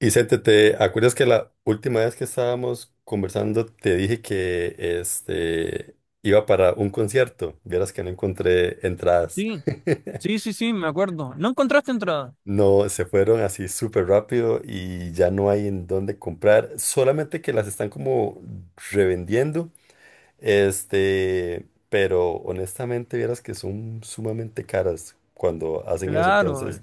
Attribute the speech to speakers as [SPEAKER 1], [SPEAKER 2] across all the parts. [SPEAKER 1] Vicente, ¿te acuerdas que la última vez que estábamos conversando te dije que iba para un concierto? Vieras que no encontré entradas.
[SPEAKER 2] Sí, sí, sí, sí, me acuerdo. ¿No encontraste entrada?
[SPEAKER 1] No, se fueron así súper rápido y ya no hay en dónde comprar. Solamente que las están como revendiendo. Pero honestamente vieras que son sumamente caras cuando hacen eso.
[SPEAKER 2] Claro,
[SPEAKER 1] Entonces,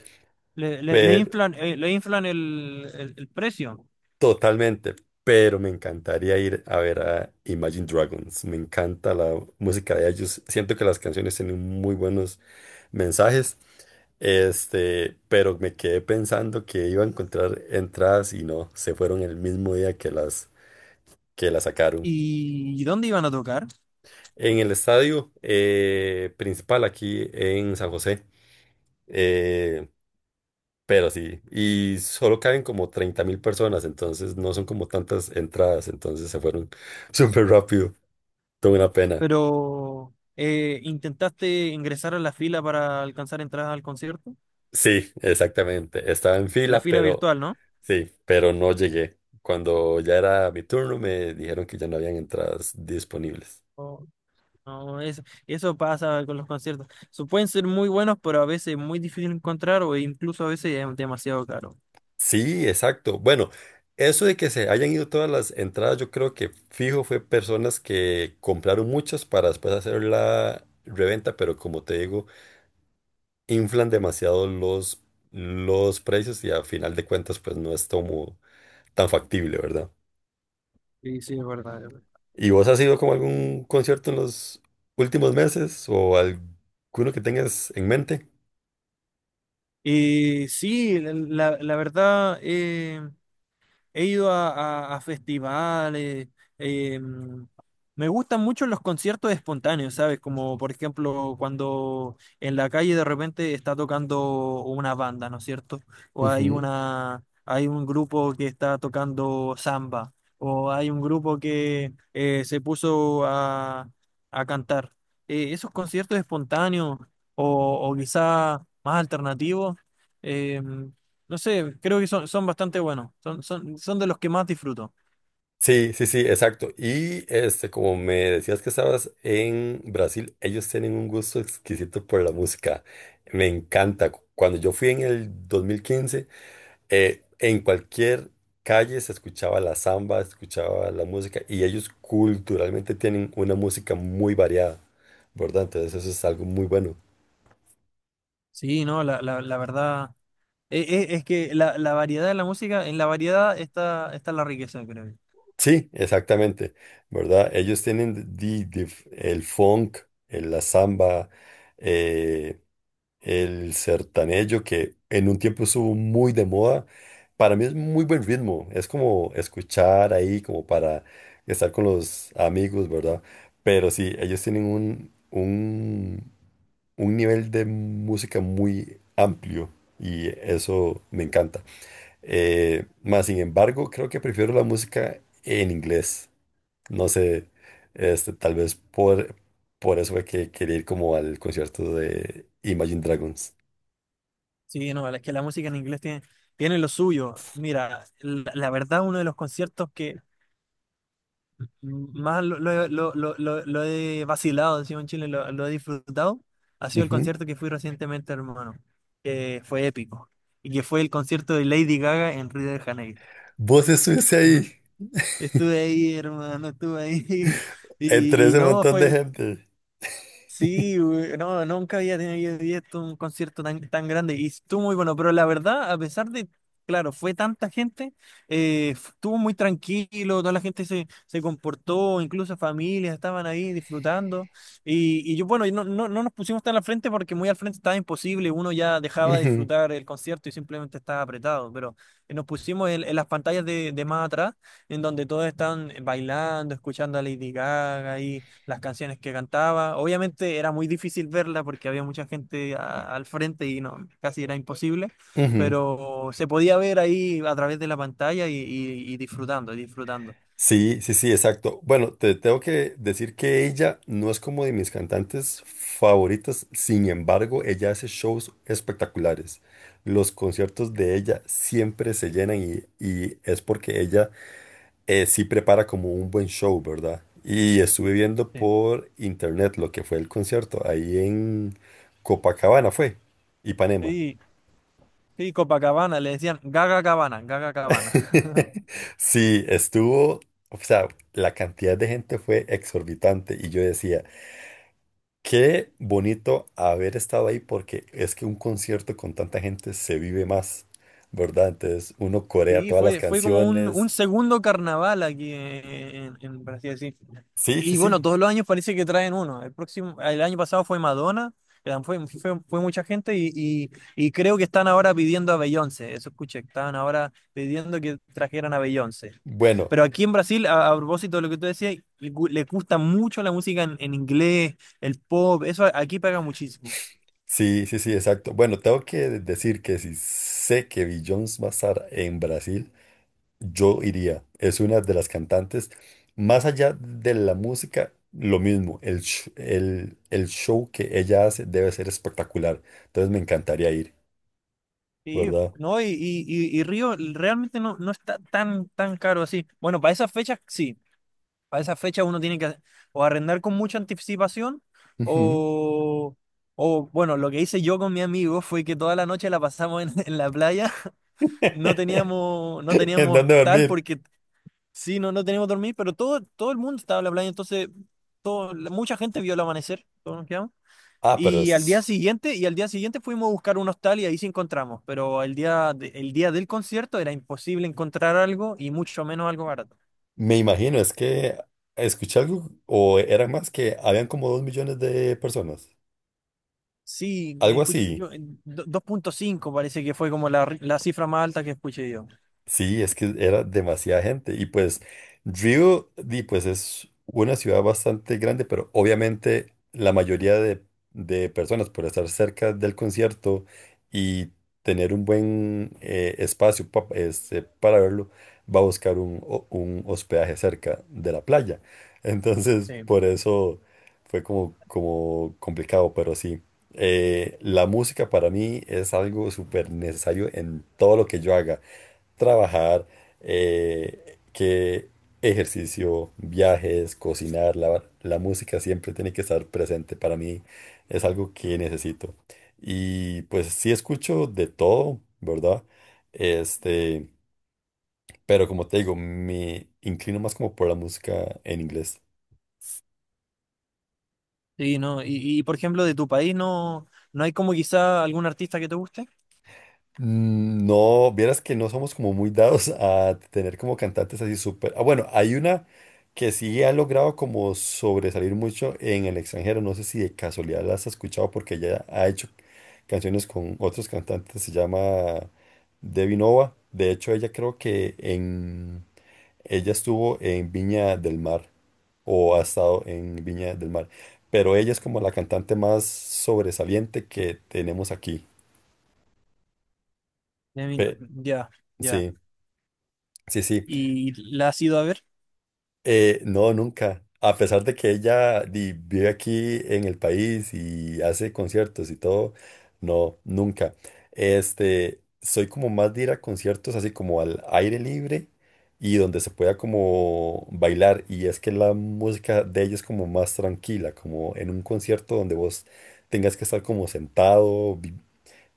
[SPEAKER 2] le inflan, le inflan el precio.
[SPEAKER 1] totalmente, pero me encantaría ir a ver a Imagine Dragons. Me encanta la música de ellos. Siento que las canciones tienen muy buenos mensajes. Pero me quedé pensando que iba a encontrar entradas y no, se fueron el mismo día que las sacaron.
[SPEAKER 2] ¿Y dónde iban a tocar?
[SPEAKER 1] En el estadio principal aquí en San José, eh, pero sí, y solo caben como 30.000 personas, entonces no son como tantas entradas, entonces se fueron súper rápido. Tuve una pena.
[SPEAKER 2] Pero intentaste ingresar a la fila para alcanzar entradas al concierto.
[SPEAKER 1] Sí, exactamente. Estaba en
[SPEAKER 2] La
[SPEAKER 1] fila,
[SPEAKER 2] fila
[SPEAKER 1] pero
[SPEAKER 2] virtual, ¿no?
[SPEAKER 1] sí, pero no llegué. Cuando ya era mi turno, me dijeron que ya no habían entradas disponibles.
[SPEAKER 2] Oh, no, eso pasa con los conciertos. So, pueden ser muy buenos, pero a veces muy difícil encontrar o incluso a veces es demasiado caro.
[SPEAKER 1] Sí, exacto. Bueno, eso de que se hayan ido todas las entradas, yo creo que fijo fue personas que compraron muchas para después hacer la reventa, pero como te digo, inflan demasiado los precios y al final de cuentas, pues no es como tan factible, ¿verdad?
[SPEAKER 2] Sí, sí, es verdad. Es verdad.
[SPEAKER 1] ¿Y vos has ido como a algún concierto en los últimos meses o alguno que tengas en mente?
[SPEAKER 2] Y sí, la verdad, he ido a, a festivales. em, Me gustan mucho los conciertos espontáneos, ¿sabes? Como por ejemplo cuando en la calle de repente está tocando una banda, ¿no es cierto? O
[SPEAKER 1] Ujú.
[SPEAKER 2] hay un grupo que está tocando samba, o hay un grupo que se puso a cantar. Esos conciertos espontáneos o quizá más alternativos. em, no sé, creo que son bastante buenos. Son de los que más disfruto.
[SPEAKER 1] Sí, sí, sí, exacto. Y como me decías que estabas en Brasil, ellos tienen un gusto exquisito por la música. Me encanta. Cuando yo fui en el 2015, en cualquier calle se escuchaba la samba, se escuchaba la música y ellos culturalmente tienen una música muy variada, ¿verdad? Entonces eso es algo muy bueno.
[SPEAKER 2] Sí, no, la verdad. Es que la variedad de la música, en la variedad está la riqueza, creo yo.
[SPEAKER 1] Sí, exactamente, ¿verdad? Ellos tienen el funk, la samba, eh, el sertanejo, que en un tiempo estuvo muy de moda. Para mí es muy buen ritmo, es como escuchar ahí, como para estar con los amigos, ¿verdad? Pero sí, ellos tienen un nivel de música muy amplio y eso me encanta. Más sin embargo, creo que prefiero la música en inglés. No sé, tal vez por eso fue que quería ir como al concierto de Imagine Dragons.
[SPEAKER 2] Sí, no, es que la música en inglés tiene lo suyo. Mira, la verdad, uno de los conciertos que más lo he vacilado, decimos en Chile, lo he disfrutado, ha sido el
[SPEAKER 1] Ujú.
[SPEAKER 2] concierto que fui recientemente, hermano. Que fue épico. Y que fue el concierto de Lady Gaga en Río de Janeiro.
[SPEAKER 1] Vos estuviste ahí,
[SPEAKER 2] Estuve ahí, hermano, estuve ahí.
[SPEAKER 1] entre
[SPEAKER 2] Y, y
[SPEAKER 1] ese
[SPEAKER 2] no,
[SPEAKER 1] montón de
[SPEAKER 2] fue,
[SPEAKER 1] gente.
[SPEAKER 2] sí, güey, no, nunca había tenido visto un concierto tan grande y estuvo muy bueno, pero la verdad, a pesar de, claro, fue tanta gente, estuvo muy tranquilo, toda la gente se comportó, incluso familias estaban ahí disfrutando y yo, bueno, y no, no nos pusimos tan al frente porque muy al frente estaba imposible, uno ya dejaba de
[SPEAKER 1] Ujú,
[SPEAKER 2] disfrutar el concierto y simplemente estaba apretado, pero nos pusimos en las pantallas de más atrás, en donde todos están bailando, escuchando a Lady Gaga las canciones que cantaba. Obviamente era muy difícil verla porque había mucha gente al frente y no, casi era imposible,
[SPEAKER 1] ujú.
[SPEAKER 2] pero se podía ver ahí a través de la pantalla y, y disfrutando, y disfrutando.
[SPEAKER 1] Sí, sí, sí, exacto. Bueno, te tengo que decir que ella no es como de mis cantantes favoritas, sin embargo, ella hace shows espectaculares. Los conciertos de ella siempre se llenan y es porque ella sí prepara como un buen show, ¿verdad? Y estuve viendo
[SPEAKER 2] Sí.
[SPEAKER 1] por internet lo que fue el concierto ahí en Copacabana, fue, Ipanema.
[SPEAKER 2] Sí, sí, Copacabana, le decían Gaga Cabana, Gaga Cabana.
[SPEAKER 1] Sí, estuvo, o sea, la cantidad de gente fue exorbitante y yo decía, qué bonito haber estado ahí porque es que un concierto con tanta gente se vive más, ¿verdad? Entonces uno corea
[SPEAKER 2] Sí,
[SPEAKER 1] todas las
[SPEAKER 2] fue como
[SPEAKER 1] canciones.
[SPEAKER 2] un segundo carnaval aquí por así decir.
[SPEAKER 1] Sí, sí,
[SPEAKER 2] Y bueno,
[SPEAKER 1] sí.
[SPEAKER 2] todos los años parece que traen uno. El próximo, el año pasado fue Madonna, que fue mucha gente y creo que están ahora pidiendo a Beyoncé. Eso escuché, estaban ahora pidiendo que trajeran a Beyoncé.
[SPEAKER 1] Bueno,
[SPEAKER 2] Pero aquí en Brasil, a propósito de lo que tú decías, le gusta mucho la música en inglés, el pop, eso aquí pega muchísimo.
[SPEAKER 1] sí, sí, sí, exacto. Bueno, tengo que decir que si sé que Beyoncé va a estar en Brasil, yo iría. Es una de las cantantes, más allá de la música, lo mismo. El, el show que ella hace debe ser espectacular. Entonces me encantaría ir,
[SPEAKER 2] Sí,
[SPEAKER 1] ¿verdad?
[SPEAKER 2] no, y Río realmente no, no está tan, tan caro así. Bueno, para esas fechas sí, para esas fechas uno tiene que o arrendar con mucha anticipación
[SPEAKER 1] Ujú.
[SPEAKER 2] o, o bueno, lo que hice yo con mi amigo fue que toda la noche la pasamos en, en la playa, no teníamos, no
[SPEAKER 1] ¿En
[SPEAKER 2] teníamos
[SPEAKER 1] dónde
[SPEAKER 2] tal
[SPEAKER 1] dormir?
[SPEAKER 2] porque sí, no, no teníamos dormir, pero todo, todo el mundo estaba en la playa, entonces todo, mucha gente vio el amanecer, todos nos quedamos.
[SPEAKER 1] Ah, pero
[SPEAKER 2] Y
[SPEAKER 1] eso
[SPEAKER 2] al día
[SPEAKER 1] es,
[SPEAKER 2] siguiente, y al día siguiente fuimos a buscar un hostal y ahí sí encontramos, pero el día, el día del concierto era imposible encontrar algo y mucho menos algo barato.
[SPEAKER 1] me imagino, es que escuché algo, o eran más que habían como dos millones de personas.
[SPEAKER 2] Sí,
[SPEAKER 1] Algo
[SPEAKER 2] escuché,
[SPEAKER 1] así.
[SPEAKER 2] yo, 2.5 parece que fue como la cifra más alta que escuché yo.
[SPEAKER 1] Sí, es que era demasiada gente. Y pues Río, di, pues es una ciudad bastante grande, pero obviamente la mayoría de personas por estar cerca del concierto y tener un buen espacio para verlo, va a buscar un hospedaje cerca de la playa. Entonces,
[SPEAKER 2] Sí.
[SPEAKER 1] por eso... fue como, como complicado, pero sí. La música para mí es algo súper necesario en todo lo que yo haga. Trabajar, que ejercicio, viajes, cocinar, lavar. La música siempre tiene que estar presente. Para mí es algo que necesito. Y pues sí escucho de todo, ¿verdad? Este, pero como te digo, me inclino más como por la música en inglés.
[SPEAKER 2] Sí, no, y por ejemplo, de tu país no, no hay como quizá algún artista que te guste.
[SPEAKER 1] Mm, no, vieras que no somos como muy dados a tener como cantantes así súper. Ah, bueno, hay una que sí ha logrado como sobresalir mucho en el extranjero. No sé si de casualidad las has escuchado porque ella ha hecho canciones con otros cantantes. Se llama Debbie Nova. De hecho, ella creo que en ella estuvo en Viña del Mar o ha estado en Viña del Mar. Pero ella es como la cantante más sobresaliente que tenemos aquí.
[SPEAKER 2] De mí no.
[SPEAKER 1] Pe-
[SPEAKER 2] Ya, ya.
[SPEAKER 1] sí. Sí, sí.
[SPEAKER 2] ¿Y la has ido a ver?
[SPEAKER 1] No, nunca. A pesar de que ella vive aquí en el país y hace conciertos y todo, no, nunca. Soy como más de ir a conciertos así como al aire libre y donde se pueda como bailar. Y es que la música de ella es como más tranquila, como en un concierto donde vos tengas que estar como sentado,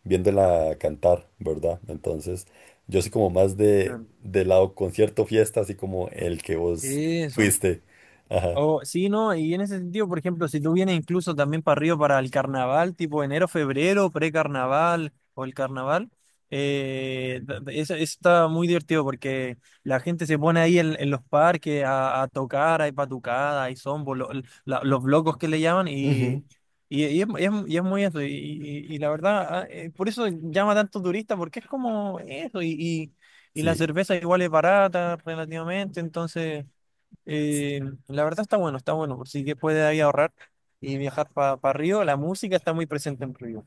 [SPEAKER 1] viéndola cantar, ¿verdad? Entonces, yo soy como más de
[SPEAKER 2] Claro.
[SPEAKER 1] lado concierto, fiesta, así como el que vos
[SPEAKER 2] Eso.
[SPEAKER 1] fuiste. Ajá.
[SPEAKER 2] O, sí, no, y en ese sentido, por ejemplo, si tú vienes incluso también para Río para el carnaval, tipo enero, febrero, precarnaval o el carnaval, eso, eso está muy divertido porque la gente se pone ahí en los parques a tocar, hay patucadas, hay zombo, los locos que le llaman,
[SPEAKER 1] Ujú.
[SPEAKER 2] y, y es muy eso, la verdad, por eso llama tanto turista, porque es como eso, y la
[SPEAKER 1] Sí,
[SPEAKER 2] cerveza igual es barata relativamente, entonces... Eh, la verdad está bueno, por si que puede ahí ahorrar y viajar para Río, la música está muy presente en Río.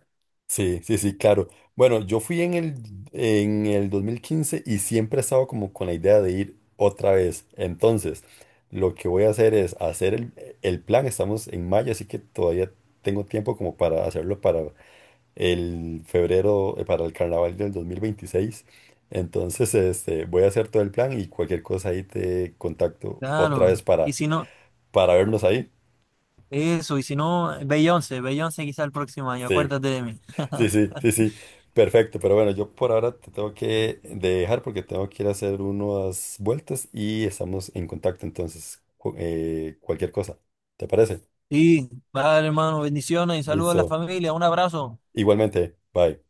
[SPEAKER 1] sí, sí, sí, claro. Bueno, yo fui en el 2015 y siempre he estado como con la idea de ir otra vez. Entonces, lo que voy a hacer es hacer el plan. Estamos en mayo, así que todavía tengo tiempo como para hacerlo para el febrero, para el carnaval del 2026. Entonces, voy a hacer todo el plan y cualquier cosa ahí te contacto otra vez
[SPEAKER 2] Claro. Y si no,
[SPEAKER 1] para vernos ahí.
[SPEAKER 2] eso, y si no, Beyoncé, Beyoncé quizá el próximo año,
[SPEAKER 1] Sí.
[SPEAKER 2] acuérdate de mí.
[SPEAKER 1] Sí, sí, sí, sí. Perfecto, pero bueno, yo por ahora te tengo que dejar porque tengo que ir a hacer unas vueltas y estamos en contacto. Entonces, cualquier cosa, ¿te parece?
[SPEAKER 2] Y vale, hermano, bendiciones y saludos a la
[SPEAKER 1] Listo.
[SPEAKER 2] familia, un abrazo.
[SPEAKER 1] Igualmente, bye.